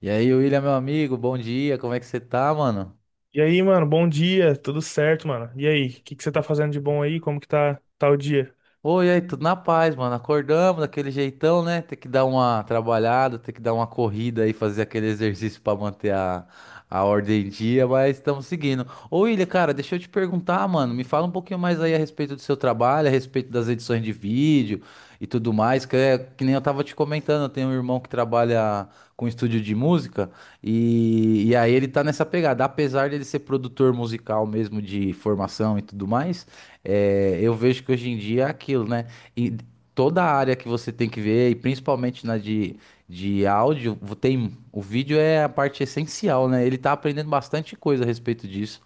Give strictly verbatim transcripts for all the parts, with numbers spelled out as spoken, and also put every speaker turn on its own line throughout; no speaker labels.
E aí, William, meu amigo, bom dia, como é que você tá, mano?
E aí, mano, bom dia, tudo certo, mano? E aí, o que que você tá fazendo de bom aí? Como que tá, tá o dia?
Oi, e aí, tudo na paz, mano. Acordamos daquele jeitão, né? Ter que dar uma trabalhada, ter que dar uma corrida aí, fazer aquele exercício pra manter a, a ordem em dia, mas estamos seguindo. Ô, William, cara, deixa eu te perguntar, mano, me fala um pouquinho mais aí a respeito do seu trabalho, a respeito das edições de vídeo. E tudo mais, que é que nem eu tava te comentando, eu tenho um irmão que trabalha com estúdio de música e, e aí ele tá nessa pegada, apesar dele ser produtor musical mesmo de formação e tudo mais. É, eu vejo que hoje em dia é aquilo, né? E toda a área que você tem que ver, e principalmente na de, de áudio, tem, o vídeo é a parte essencial, né? Ele tá aprendendo bastante coisa a respeito disso.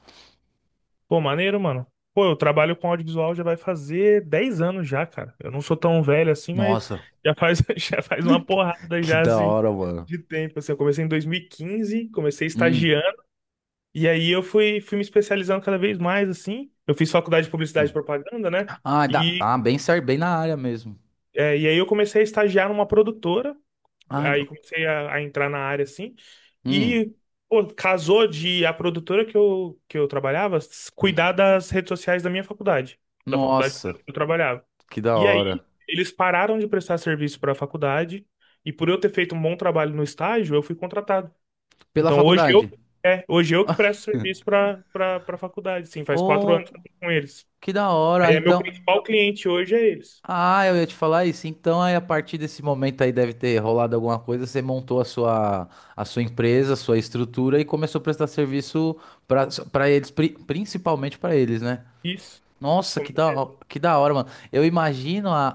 Pô, maneiro, mano. Pô, eu trabalho com audiovisual já vai fazer dez anos já, cara. Eu não sou tão velho assim, mas
Nossa,
já faz, já faz uma
que,
porrada
que
já,
da
assim,
hora, mano.
de tempo. Assim, eu comecei em dois mil e quinze, comecei
Hum.
estagiando, e aí eu fui, fui me especializando cada vez mais, assim. Eu fiz faculdade de publicidade e propaganda, né?
Ah, dá,
E,
ah, bem certo, bem na área mesmo.
é, e aí eu comecei a estagiar numa produtora.
Ah,
Aí
da-
comecei a, a entrar na área assim.
hum,
E, pô, casou de a produtora que eu, que eu trabalhava s- cuidar das redes sociais da minha faculdade, da faculdade
nossa,
que eu trabalhava.
que da
E aí
hora.
eles pararam de prestar serviço para a faculdade. E por eu ter feito um bom trabalho no estágio, eu fui contratado.
Pela
Então hoje eu,
faculdade.
é, hoje eu que presto serviço para para para a faculdade. Sim, faz quatro anos que eu
Oh,
tô com eles.
que da
Aí
hora.
é meu
Então,
principal cliente hoje é eles.
ah, eu ia te falar isso. Então, aí, a partir desse momento aí deve ter rolado alguma coisa. Você montou a sua, a sua empresa, a sua estrutura e começou a prestar serviço para para eles, pri- principalmente para eles, né?
Isso.
Nossa, que da, ho-
Comecei.
que da hora, mano. Eu imagino a,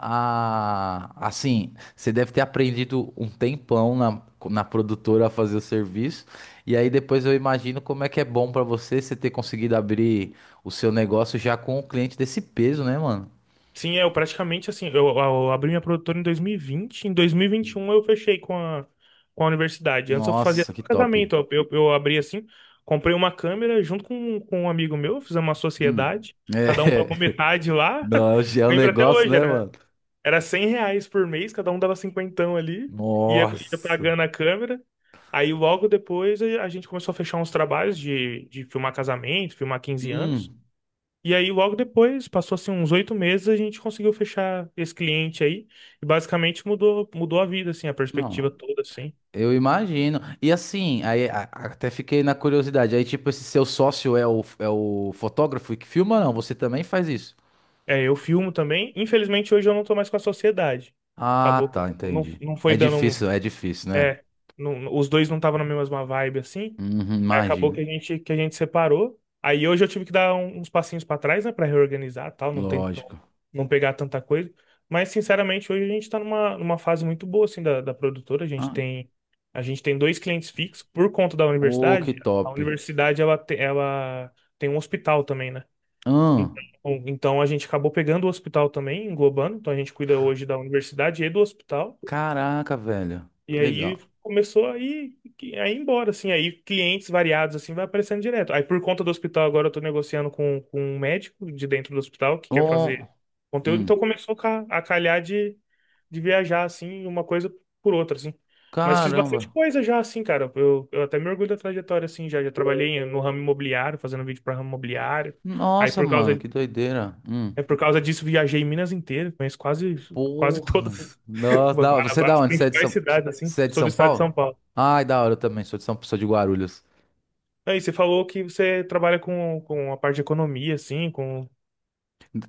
a- Assim, você deve ter aprendido um tempão na, na produtora a fazer o serviço. E aí depois eu imagino como é que é bom pra você você ter conseguido abrir o seu negócio já com o cliente desse peso, né, mano?
Sim, é, eu praticamente assim, eu, eu abri minha produtora em dois mil e vinte, em dois mil e e vinte e um eu fechei com a, com a universidade. Antes eu fazia
Nossa, que
só
top.
casamento, eu, eu, eu abri assim, comprei uma câmera junto com, com um amigo meu, fizemos uma
Hum.
sociedade, cada um pagou
É.
metade lá.
Não, já é um
Lembro até
negócio,
hoje,
né,
era,
mano?
era cem reais por mês, cada um dava cinquentão ali, ia, ia
Nossa.
pagando a câmera. Aí logo depois a a gente começou a fechar uns trabalhos de, de filmar casamento, filmar quinze anos.
Hum.
E aí, logo depois, passou assim uns oito meses, a gente conseguiu fechar esse cliente aí. E basicamente mudou, mudou a vida, assim, a perspectiva toda, assim.
Eu imagino. E assim, aí a- a- até fiquei na curiosidade. Aí, tipo, esse seu sócio é o, é o fotógrafo que filma, ou não? Você também faz isso?
É, eu filmo também. Infelizmente, hoje eu não tô mais com a sociedade.
Ah,
Acabou que
tá,
não,
entendi.
não
É
foi dando. um-
difícil, é difícil, né?
É, não- os dois não estavam na mesma vibe, assim.
Uhum,
Aí acabou
imagino.
que a gente que a gente separou. Aí hoje eu tive que dar um- uns passinhos pra trás, né, pra reorganizar, e tal, não tem não,
Lógico.
não pegar tanta coisa. Mas sinceramente, hoje a gente tá numa, numa fase muito boa assim da, da produtora. A gente
Ah,
tem a gente tem dois clientes fixos por conta da
ô, que
universidade. A
top.
universidade ela te- ela tem um hospital também, né?
Ah,
Então, então a gente acabou pegando o hospital também, englobando. Então a gente cuida hoje da universidade e do hospital.
caraca, velho.
E
Que
aí
legal.
começou a ir, a ir embora, assim. Aí clientes variados, assim, vai aparecendo direto. Aí por conta do hospital, agora eu tô negociando com, com um médico de dentro do hospital que quer
Oh,
fazer conteúdo. Então
hum,
começou a ca- a calhar de, de viajar, assim, uma coisa por outra, assim. Mas fiz bastante
caramba.
coisa já, assim, cara. Eu, eu até me orgulho da trajetória, assim, já. Já trabalhei no ramo imobiliário, fazendo vídeo para ramo imobiliário. Aí
Nossa,
por causa,
mano, que doideira. Hum.
é por causa disso viajei Minas inteira, conheço quase, quase
Porra.
todas
Nossa, da hora. Você é da
as
onde? Você é de
principais
São,
cidades, assim.
você é de
Sou do
São
estado de São
Paulo?
Paulo.
Ai, da hora, eu também sou de São, sou de Guarulhos.
Aí você falou que você trabalha com, com a parte de economia, assim, com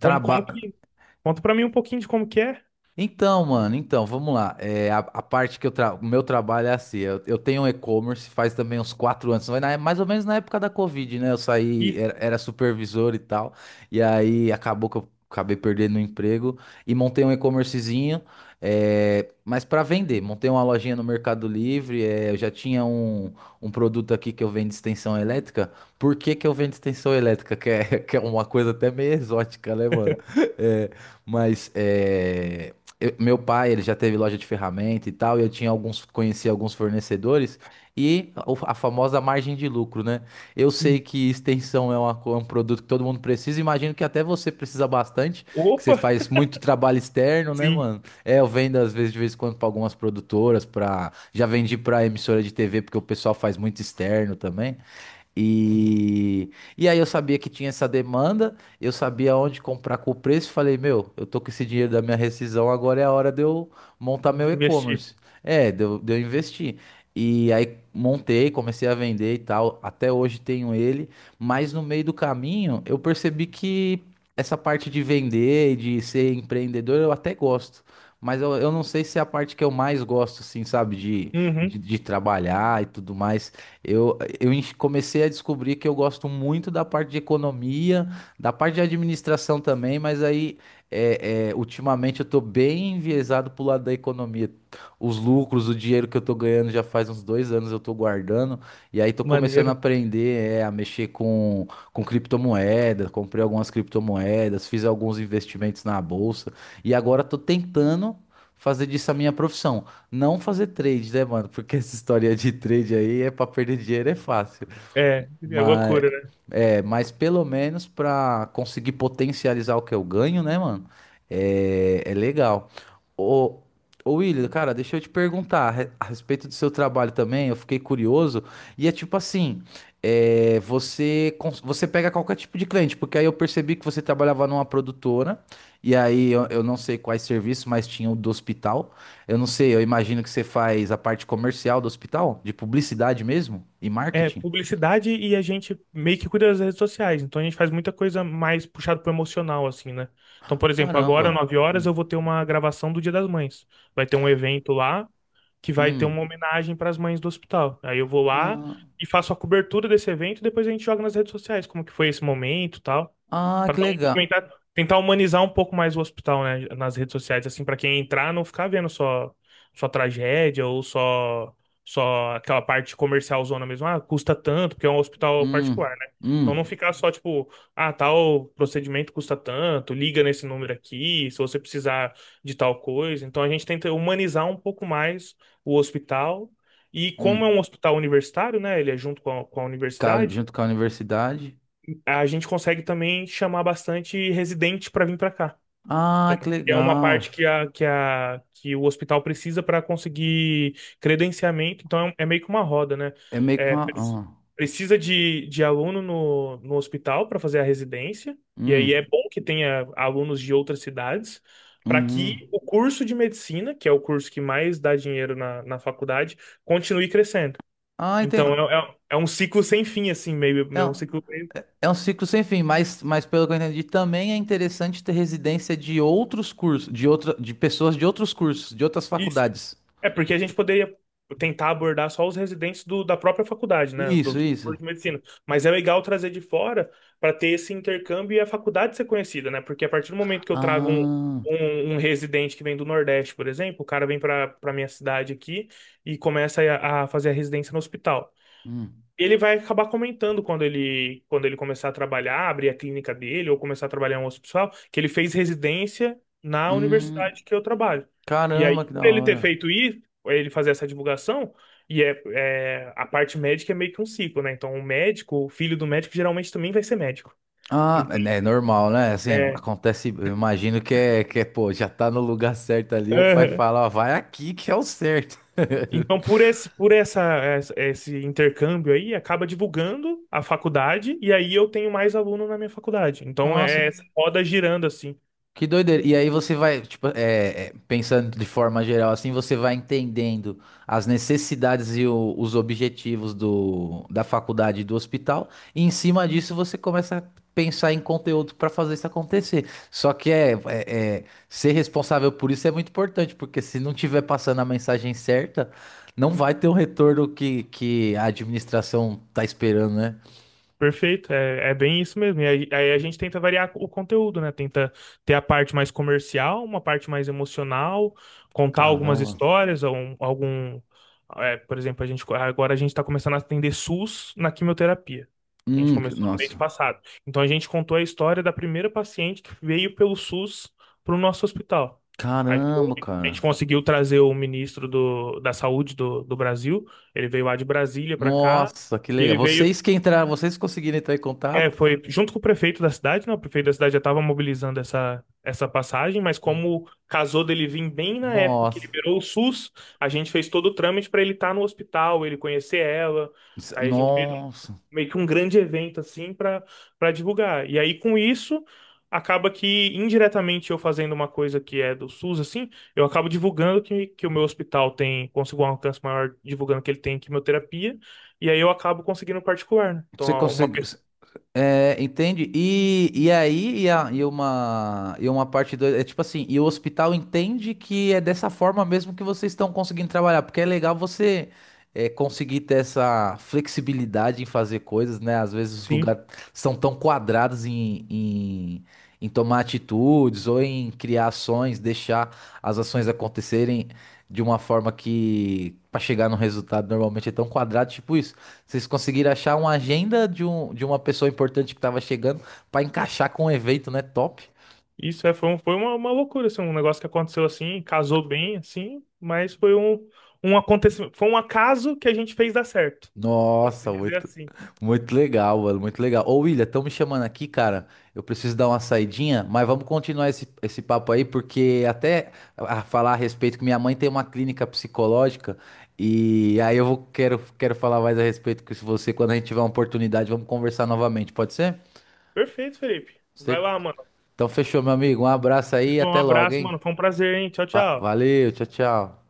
como, como
Traba...
que. Conta pra mim um pouquinho de como que é.
Então, mano, então, vamos lá. É, a, a parte que eu tra... o meu trabalho é assim, eu, eu tenho um e-commerce faz também uns quatro anos, vai na- mais ou menos na época da Covid, né? Eu saí,
Isso.
era, era supervisor e tal, e aí acabou que eu acabei perdendo o emprego e montei um e-commercezinho, é, mas para vender. Montei uma lojinha no Mercado Livre, é, eu já tinha um, um produto aqui que eu vendo extensão elétrica. Por que que eu vendo extensão elétrica? Que é, que é uma coisa até meio exótica, né, mano? É, mas é eu- meu pai, ele já teve loja de ferramenta e tal, e eu tinha alguns, conhecia alguns fornecedores e o- a famosa margem de lucro, né? Eu sei
Sim.
que extensão é, uma co- um produto que todo mundo precisa, imagino que até você precisa bastante, que você
Opa!
faz muito trabalho externo, né,
Sim,
mano? É, eu vendo às vezes de vez em quando para algumas produtoras, para já vendi para emissora de T V porque o pessoal faz muito externo também. E, e aí eu sabia que tinha essa demanda, eu sabia onde comprar com o preço, e falei, meu, eu tô com esse dinheiro da minha rescisão, agora é a hora de eu montar meu
de investir.
e-commerce. É, de eu, de eu investir. E aí montei, comecei a vender e tal. Até hoje tenho ele, mas no meio do caminho eu percebi que essa parte de vender e de ser empreendedor eu até gosto. Mas eu, eu não sei se é a parte que eu mais gosto, assim, sabe, de, de,
Uhum,
de trabalhar e tudo mais. Eu, eu enx- comecei a descobrir que eu gosto muito da parte de economia, da parte de administração também, mas aí é, é, ultimamente eu tô bem enviesado pro lado da economia. Os lucros, o dinheiro que eu tô ganhando já faz uns dois anos eu tô guardando. E aí tô começando a
maneiro.
aprender, é, a mexer com, com criptomoedas. Comprei algumas criptomoedas, fiz alguns investimentos na bolsa. E agora tô tentando fazer disso a minha profissão. Não fazer trade, né, mano? Porque essa história de trade aí é pra perder dinheiro, é fácil.
É, é
Mas
loucura, né?
é, mas pelo menos pra conseguir potencializar o que eu ganho, né, mano? É, é legal. Ô, ô William, cara, deixa eu te perguntar a re- a respeito do seu trabalho também. Eu fiquei curioso. E é tipo assim: é, você, cons- você pega qualquer tipo de cliente, porque aí eu percebi que você trabalhava numa produtora. E aí eu, eu não sei quais serviços, mas tinha o do hospital. Eu não sei, eu imagino que você faz a parte comercial do hospital, de publicidade mesmo e
É
marketing.
publicidade e a gente meio que cuida das redes sociais. Então a gente faz muita coisa mais puxada pro emocional, assim, né? Então, por exemplo, agora,
Caramba.
nove horas, eu vou ter uma gravação do Dia das Mães. Vai ter um evento lá que vai ter uma
Hum.
homenagem para as mães do hospital. Aí eu vou lá
Ah,
e faço a cobertura desse evento e depois a gente joga nas redes sociais, como que foi esse momento, e tal.
ah,
Pra
que
não
legal.
documentar- tentar humanizar um pouco mais o hospital, né, nas redes sociais, assim, pra quem entrar não ficar vendo só só tragédia ou só só aquela parte comercial zona mesmo, ah, custa tanto, porque é um hospital particular,
Hum,
né? Então não
hum,
ficar só tipo, ah, tal procedimento custa tanto, liga nesse número aqui, se você precisar de tal coisa. Então a gente tenta humanizar um pouco mais o hospital. E como é um
hum.
hospital universitário, né? Ele é junto com a, com a
Ca-
universidade,
Junto com a universidade.
a gente consegue também chamar bastante residente para vir para cá. Então,
Ah, que
é uma parte
legal.
que, a, que, a, que o hospital precisa para conseguir credenciamento, então é um, é meio que uma roda, né?
É meio que
É,
uma.
pre-
Ah,
precisa de, de aluno no, no hospital para fazer a residência, e aí é
hum,
bom que tenha alunos de outras cidades, para
hum, hum.
que o curso de medicina, que é o curso que mais dá dinheiro na, na faculdade, continue crescendo.
Ah,
Então,
entendi.
é, é, é um ciclo sem fim, assim, meio,
É,
é um
um-
ciclo meio.
é um ciclo sem fim, mas, mas pelo que eu entendi, também é interessante ter residência de outros cursos, de outra, de pessoas de outros cursos, de outras
Isso.
faculdades.
É porque a gente poderia tentar abordar só os residentes do- da própria faculdade, né?
Isso,
Dos
isso.
cursos de medicina. Mas é legal trazer de fora para ter esse intercâmbio e a faculdade ser conhecida, né? Porque a partir do momento que eu trago um,
Ah,
um, um residente que vem do Nordeste, por exemplo, o cara vem para para minha cidade aqui e começa a, a fazer a residência no hospital.
hum,
Ele vai acabar comentando quando ele, quando ele começar a trabalhar, abrir a clínica dele ou começar a trabalhar em um hospital, que ele fez residência na
hum.
universidade que eu trabalho. E aí,
Caramba, que
por
da
ele ter
hora.
feito isso, ele fazer essa divulgação, e é, é- a parte médica é meio que um ciclo, né? Então, o médico, o filho do médico geralmente também vai ser médico.
Ah,
Então,
é, é normal, né? Assim,
é,
acontece, eu imagino que é, que é, pô, já tá no lugar certo ali, o pai
aham.
fala, ó, vai aqui que é o certo.
Então, por esse, por essa, essa- esse intercâmbio aí, acaba divulgando a faculdade, e aí eu tenho mais aluno na minha faculdade. Então,
Nossa,
é essa roda girando, assim.
que doideira. E aí você vai, tipo, é, é, pensando de forma geral, assim, você vai entendendo as necessidades e o- os objetivos do, da faculdade e do hospital, e em cima disso você começa a pensar em conteúdo para fazer isso acontecer. Só que é, é- é, ser responsável por isso é muito importante, porque se não tiver passando a mensagem certa, não vai ter o retorno que, que a administração tá esperando, né?
Perfeito, é, é bem isso mesmo. E aí, aí a gente tenta variar o conteúdo, né? Tenta ter a parte mais comercial, uma parte mais emocional, contar algumas
Caramba.
histórias, algum, algum é, por exemplo, a gente agora a gente está começando a atender SUS na quimioterapia. A gente
Hum, que-
começou no mês
nossa.
passado. Então a gente contou a história da primeira paciente que veio pelo SUS para o nosso hospital. Aí foi,
Caramba,
a gente
cara.
conseguiu trazer o ministro do, da Saúde do, do Brasil. Ele veio lá de Brasília para cá.
Nossa, que
E
legal.
ele veio
Vocês que entraram, vocês conseguiram entrar em
é,
contato?
foi junto com o prefeito da cidade, né? O prefeito da cidade já estava mobilizando essa, essa passagem, mas
Hum.
como casou dele vir bem na época que
Nossa.
liberou o SUS, a gente fez todo o trâmite para ele estar no hospital, ele conhecer ela. Aí a gente fez um-
Nossa.
meio que um grande evento assim para para divulgar. E aí com isso acaba que indiretamente eu fazendo uma coisa que é do SUS assim, eu acabo divulgando que, que o meu hospital tem conseguiu um alcance maior, divulgando que ele tem quimioterapia, e aí eu acabo conseguindo particular, né? Então
Você
uma
conseguiu.
pessoa.
É, entende? E, e aí, e, a- e uma, e uma parte dois é tipo assim, e o hospital entende que é dessa forma mesmo que vocês estão conseguindo trabalhar, porque é legal você é, conseguir ter essa flexibilidade em fazer coisas, né? Às vezes os lugares são tão quadrados em, em, em tomar atitudes ou em criar ações, deixar as ações acontecerem de uma forma que, para chegar no resultado, normalmente é tão quadrado, tipo isso. Vocês conseguiram achar uma agenda de, um, de uma pessoa importante que tava chegando pra encaixar com o evento, né? Top.
Isso é, foi, um- foi uma, uma loucura, assim, um negócio que aconteceu assim, casou bem, assim, mas foi um, um acontecimento, foi um acaso que a gente fez dar certo, pode-se
Nossa,
dizer
muito,
assim.
muito legal, mano, muito legal. Ô, William, estão me chamando aqui, cara. Eu preciso dar uma saidinha, mas vamos continuar esse, esse papo aí, porque até a falar a respeito que minha mãe tem uma clínica psicológica e aí eu vou, quero, quero falar mais a respeito que se você quando a gente tiver uma oportunidade, vamos conversar novamente, pode ser?
Perfeito, Felipe. Vai
Cer-
lá, mano.
Então fechou, meu amigo. Um abraço aí e
Um
até logo,
abraço,
hein?
mano. Foi um prazer, hein? Tchau,
Va-
tchau.
Valeu, tchau, tchau.